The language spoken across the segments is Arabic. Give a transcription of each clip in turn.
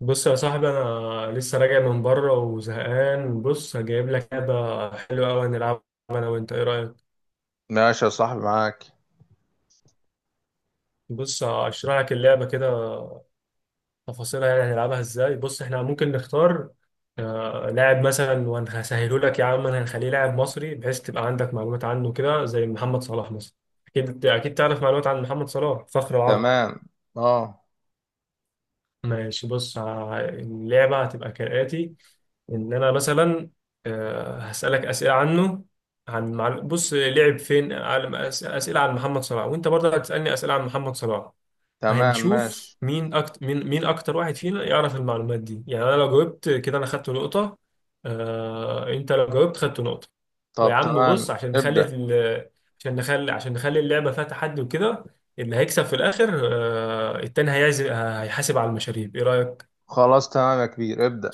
بص يا صاحبي، انا لسه راجع من بره وزهقان. بص هجيب لك لعبه حلوه قوي هنلعبها انا وانت. ايه رايك؟ ماشي يا صاحبي، معاك. بص هشرح لك اللعبه كده، تفاصيلها يعني هنلعبها ازاي. بص احنا ممكن نختار لاعب مثلا، وهسهله لك يا عم. انا هنخليه لاعب مصري بحيث تبقى عندك معلومات عنه كده، زي محمد صلاح مثلا. اكيد اكيد تعرف معلومات عن محمد صلاح فخر العرب. تمام. اه. ماشي بص اللعبه هتبقى كالاتي. ان انا مثلا هسالك اسئله عنه، عن بص لعب فين اسئله عن محمد صلاح، وانت برضه هتسالني اسئله عن محمد صلاح. تمام، هنشوف ماشي. مين اكتر، مين اكتر واحد فينا يعرف المعلومات دي. يعني انا لو جاوبت كده انا خدت نقطه، انت لو جاوبت خدت نقطه. ويا طب عم بص تمام، عشان نخلي ابدأ. عشان نخلي اللعبه فيها تحدي وكده، اللي هيكسب في الاخر التاني هيعزم هيحاسب على المشاريب. ايه رايك؟ خلاص تمام يا كبير، ابدأ.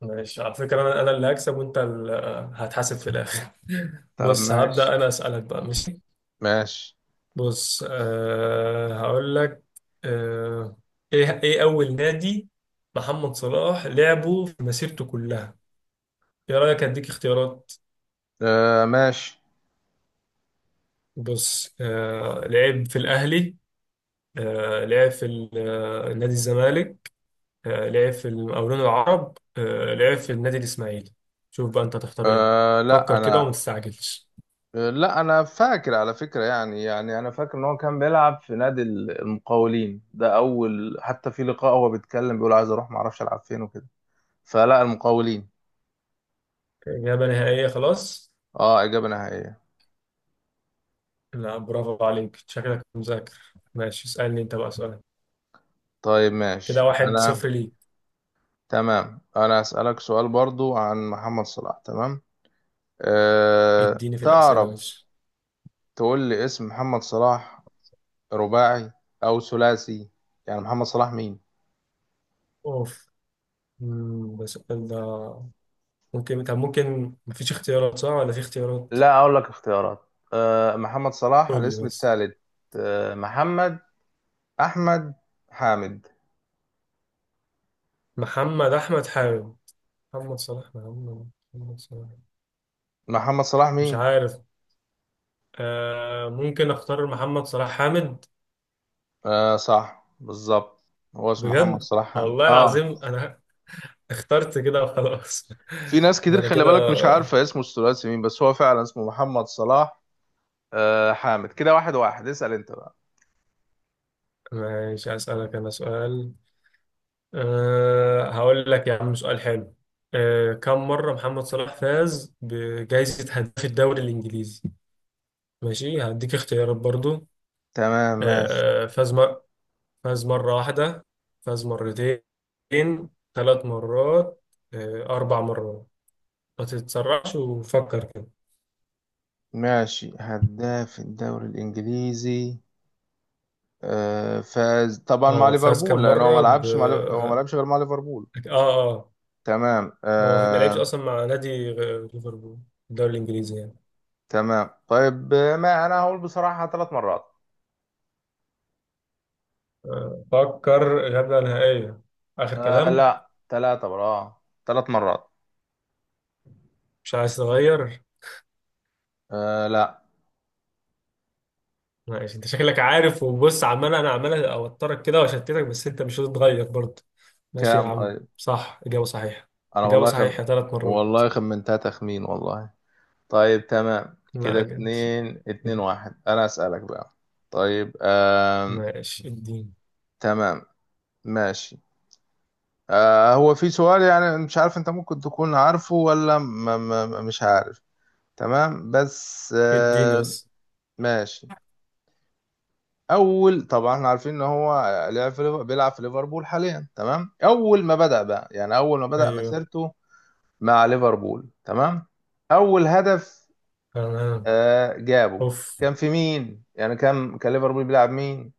ماشي على فكرة، أنا اللي هكسب وأنت اللي هتحاسب في الآخر. طب بص ماشي. هبدأ أنا أسألك بقى، ماشي. ماشي. بص هقول لك. أه إيه إيه أول نادي محمد صلاح لعبه في مسيرته كلها؟ إيه رأيك، أديك اختيارات. آه، ماشي. بص لعب في الأهلي، لعب في نادي الزمالك، لعب في المقاولون العرب، لعب في النادي الإسماعيلي. شوف بقى أنت هتختار إيه. آه لا فكر كده وما انا تستعجلش. آه لا، انا فاكر على فكرة. يعني انا فاكر ان هو كان بيلعب في نادي المقاولين ده اول، حتى في لقاء هو بيتكلم بيقول عايز اروح ما اعرفش العب فين وكده. فلا، المقاولين. إجابة نهائية؟ خلاص. اه، اجابة نهائية. لا، برافو عليك، شكلك مذاكر. ماشي، اسألني أنت بقى سؤال. طيب كده ماشي، واحد انا. صفر ليك. تمام، انا اسألك سؤال برضو عن محمد صلاح. تمام. أه اديني في الأسئلة، تعرف، ماشي. تقول لي اسم محمد صلاح رباعي او ثلاثي؟ يعني محمد صلاح مين؟ أوف. ده السؤال ده؟ ممكن، ممكن مفيش اختيارات، صح ولا في اختيارات؟ لا اقول لك اختيارات. أه، محمد صلاح قول لي الاسم بس. الثالث. أه، محمد، احمد، حامد. محمد أحمد حاجة. محمد صلاح، محمد صلاح. محمد صلاح مش مين؟ عارف. آه ممكن أختار محمد صلاح حامد. أه، صح بالظبط. هو اسمه محمد بجد؟ صلاح حامد، والله اه. العظيم أنا اخترت كده وخلاص. في ناس ده كتير أنا خلي كده. بالك مش عارفة اسمه الثلاثي مين، بس هو فعلا اسمه محمد صلاح أه حامد. كده 1-1، اسأل انت بقى. ماشي، أسألك أنا سؤال. هقول لك يا عم سؤال حلو. كم مرة محمد صلاح فاز بجائزة هداف الدوري الإنجليزي؟ ماشي هديك اختيارات برضو. تمام، ماشي. أه آه، فاز مرة واحدة، فاز مرتين، ثلاث مرات، أربع مرات. ما تتسرعش وفكر كده. ماشي، هداف الدوري الانجليزي. آه، فاز طبعا مع اه فاز ليفربول كم لان هو ما مرة ب لعبش مع ليف- هو ما لعبش غير مع ليفربول. اه آه. تمام، هو ما لعبش آه. أصلا مع نادي ليفربول، الدوري الإنجليزي يعني. تمام طيب. ما انا هقول بصراحة 3 مرات. فكر إجابة نهائية، آخر آه كلام. لا، ثلاثة برا. اه، 3 مرات. مش عايز تغير؟ آه لا. ماشي، أنت شكلك عارف، وبص عمال أنا عمال أوترك كده وأشتتك، بس أنت مش هتتغير برضه. ماشي يا كام عم، طيب؟ صح إجابة صحيحة. انا إجابة والله خم... صحيحة ثلاث مرات. والله خمنتها تخمين والله. طيب تمام، كده لا جد. 2-2-1. انا اسألك بقى. طيب، آه. ماشي اديني تمام ماشي. آه، هو في سؤال يعني مش عارف انت ممكن تكون عارفه ولا م م مش عارف. تمام، بس اديني آه. بس. ماشي. اول طبعا احنا عارفين ان هو بيلعب في ليفربول حاليا. تمام، اول ما بدأ بقى، يعني اول ما بدأ أيوه، مسيرته مع ليفربول. تمام، اول هدف تمام. آه جابه أوف. كان في مين؟ يعني كان ليفربول بيلعب مين؟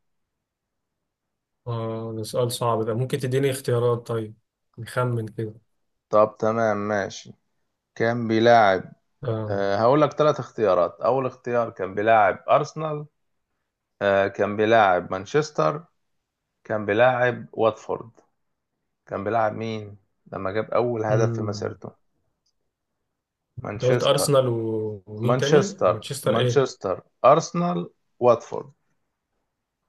آه، ده سؤال صعب ده، ممكن تديني اختيارات طيب، نخمن كده. طب تمام ماشي. كان بيلاعب. آه. آه، هقول لك 3 اختيارات. اول اختيار كان بيلاعب ارسنال. آه، كان بيلاعب مانشستر. كان بيلاعب واتفورد. كان بيلاعب مين لما جاب أول هدف في أمم. مسيرته؟ أنت قلت مانشستر أرسنال ومين تاني؟ مانشستر مانشستر إيه؟ مانشستر، أرسنال، واتفورد.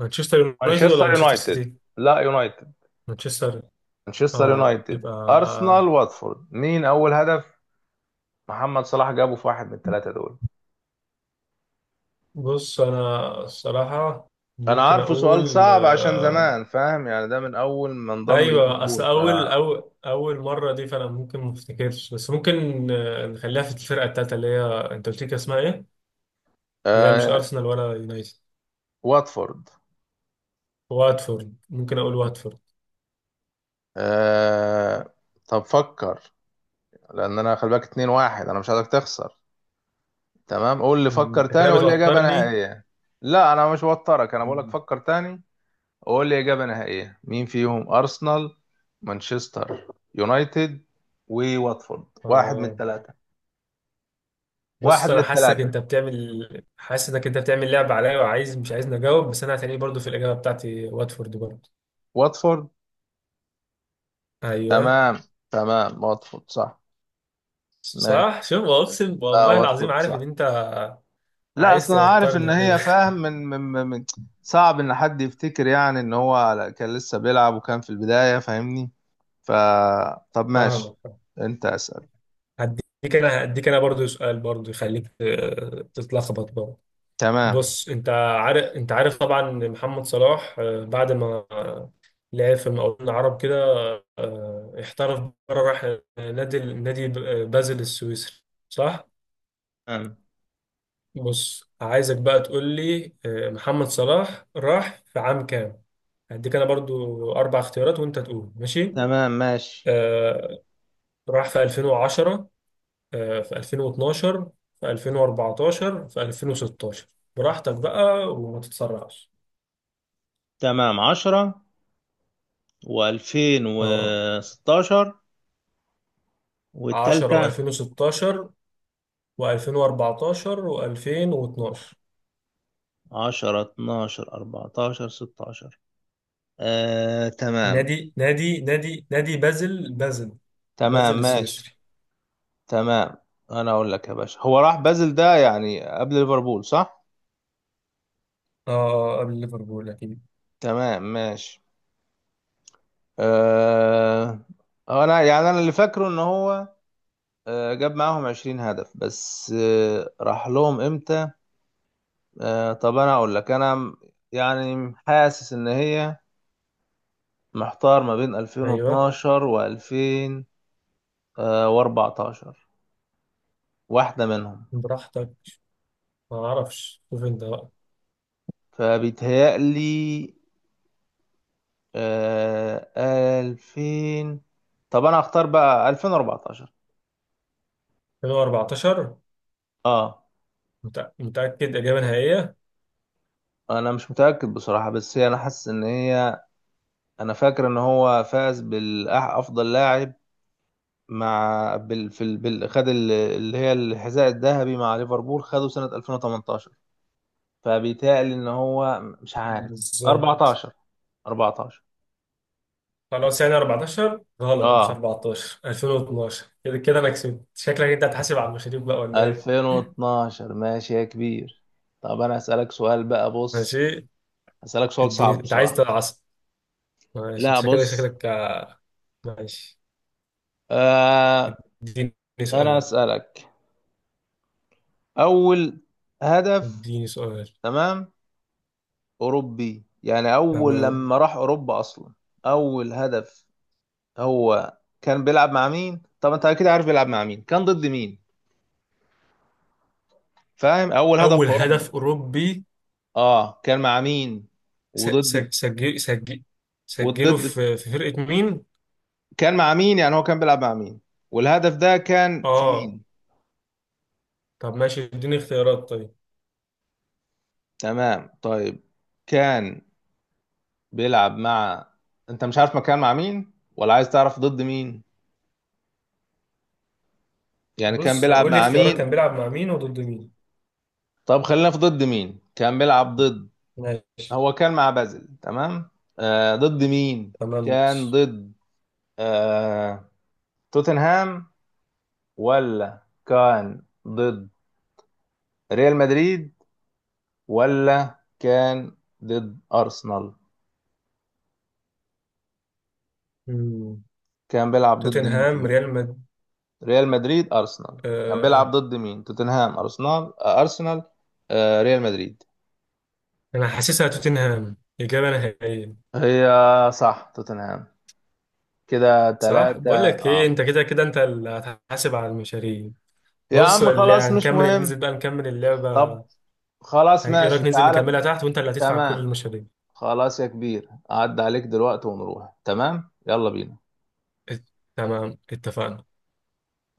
مانشستر يونايتد ولا مانشستر مانشستر يونايتد، سيتي؟ لا يونايتد. مانشستر. مانشستر اه يونايتد، يبقى أرسنال، واتفورد. مين أول هدف محمد صلاح جابه في واحد من الثلاثة دول؟ بص انا الصراحة أنا ممكن عارفه سؤال اقول صعب عشان زمان، فاهم؟ يعني ده من أول ما انضم ايوه اصل ليفربول، ف. اول مرة دي، فانا ممكن ما افتكرش، بس ممكن نخليها في الفرقة التالتة اللي هي، انت قلت لي كان اسمها ايه؟ اللي هي مش آه، ارسنال ولا يونايتد. واتفورد. واتفورد، ممكن اقول واتفورد. آه، طب فكر. لان انا خلي بالك 2-1، انا مش عايزك تخسر. تمام، قول لي، فكر انت كده تاني وقول لي اجابه بتوترني. نهائيه. لا، انا مش بوترك، انا بقول لك مم. فكر تاني وقول لي اجابه نهائيه. مين فيهم؟ ارسنال، مانشستر يونايتد، وواتفورد. واحد من آه. الثلاثه. بص واحد من انا حاسك انت الثلاثه، بتعمل حاسس انك انت بتعمل لعبه عليا، وعايز مش عايزني اجاوب، بس انا هتلاقيه برضو في الاجابه بتاعتي واتفورد برضو. واتفورد. ايوه تمام. تمام، واتفورد صح. ماشي. صح، شوف، اقسم لا، والله العظيم واتفورد عارف ان صح. انت لا اصل عايز انا عارف ان توترني كده. هي، فاهم، صعب ان حد يفتكر، يعني ان هو كان لسه بيلعب وكان في البدايه، فاهمني؟ ف، طب ماشي. فاهمك. انت اسأل. هديك انا برضو سؤال برضو يخليك تتلخبط برضو. تمام. بص انت عارف طبعا إن محمد صلاح بعد ما لعب في المقاولون العرب كده احترف بره، راح نادي بازل السويسري، صح؟ تمام. بص عايزك بقى تقول لي محمد صلاح راح في عام كام. هديك انا برضو اربع اختيارات وانت تقول ماشي. تمام ماشي. آه راح في 2010، في 2012، في 2014، في 2016. براحتك بقى وما تتسرعش. تمام، 10، وألفين اه وستاشر، 10 والتالتة، و2016 و2014 و2012. 10 12 14 16. آه تمام. نادي بازل، تمام بازل ماشي. السويسري. تمام، انا اقول لك يا باشا، هو راح بازل ده يعني قبل ليفربول، صح؟ اه قبل ليفربول اكيد. تمام، ماشي. أه... انا يعني انا اللي فاكره ان هو جاب معاهم 20 هدف، بس راح لهم امتى؟ طب انا اقول لك، انا م-، يعني حاسس ان هي محتار ما بين ايوه 2012 و2014، واحدة منهم. براحتك، ما اعرفش، شوف انت بقى. فبيتهيألي، آه، 2000، طب انا اختار بقى 2014. 2014 اه. متأكد، إجابة نهائية؟ انا مش متأكد بصراحة، بس هي انا حاسس ان هي. انا فاكر ان هو فاز بالافضل لاعب مع بال... في ال... بال... خد ال- اللي هي الحذاء الذهبي مع ليفربول، خده سنة 2018. فبيتهيألي ان هو مش عارف. بالظبط. 14. 14. خلاص يعني 14 غلط، مش اه. 14، 2012. كده كده انا كسبت، شكلك انت هتحاسب على المشاريب بقى، ولا ايه؟ 2012، ماشي يا كبير. طب انا اسالك سؤال بقى، بص. ماشي اسالك سؤال اديني، صعب انت عايز بصراحة. تعصب. ماشي، انت لا شكلك بص. شكلك ماشي آه. اديني انا سؤال. اسالك اول هدف. اديني سؤال. تمام. اوروبي، يعني اول تمام. لما راح اوروبا اصلا. اول هدف، هو كان بيلعب مع مين؟ طب انت اكيد عارف بيلعب مع مين، كان ضد مين؟ فاهم؟ اول هدف في اول هدف اوروبا، اوروبي اه كان مع مين، وضد؟ سجل سجله والضد في فرقة مين. كان مع مين، يعني هو كان بيلعب مع مين، والهدف ده كان في اه مين؟ طب ماشي اديني اختيارات طيب. تمام طيب. كان بيلعب مع، انت مش عارف مكان مع مين ولا عايز تعرف ضد مين؟ يعني كان بص بيلعب قول لي مع اختيارات مين؟ كان بيلعب مع مين وضد مين. طب خلينا في ضد مين كان بيلعب ضد. ماشي. هو كان مع بازل، تمام. آه، ضد مين؟ تمام كان ماشي. ضد، آه، توتنهام؟ ولا كان ضد ريال مدريد؟ ولا كان ضد أرسنال؟ مم. كان بيلعب ضد مين توتنهام فيهم؟ ريال مد. ريال مدريد، أرسنال. كان آه. بيلعب ضد مين؟ توتنهام، أرسنال، أرسنال، ريال مدريد. انا حاسسها توتنهام، اجابه نهائيه. هي. صح، توتنهام. كده صح. 3، بقول لك ايه، اه. انت كده كده انت اللي هتحاسب على المشاريع. يا بص عم اللي خلاص، مش هنكمل، اللي ننزل مهم. بقى نكمل طب اللعبه، خلاص ايه رايك ماشي، ننزل تعالى. نكملها تحت وانت اللي هتدفع كل تمام. المشاريع. خلاص يا كبير، أعد عليك دلوقتي ونروح. تمام، يلا بينا. ات- تمام اتفقنا.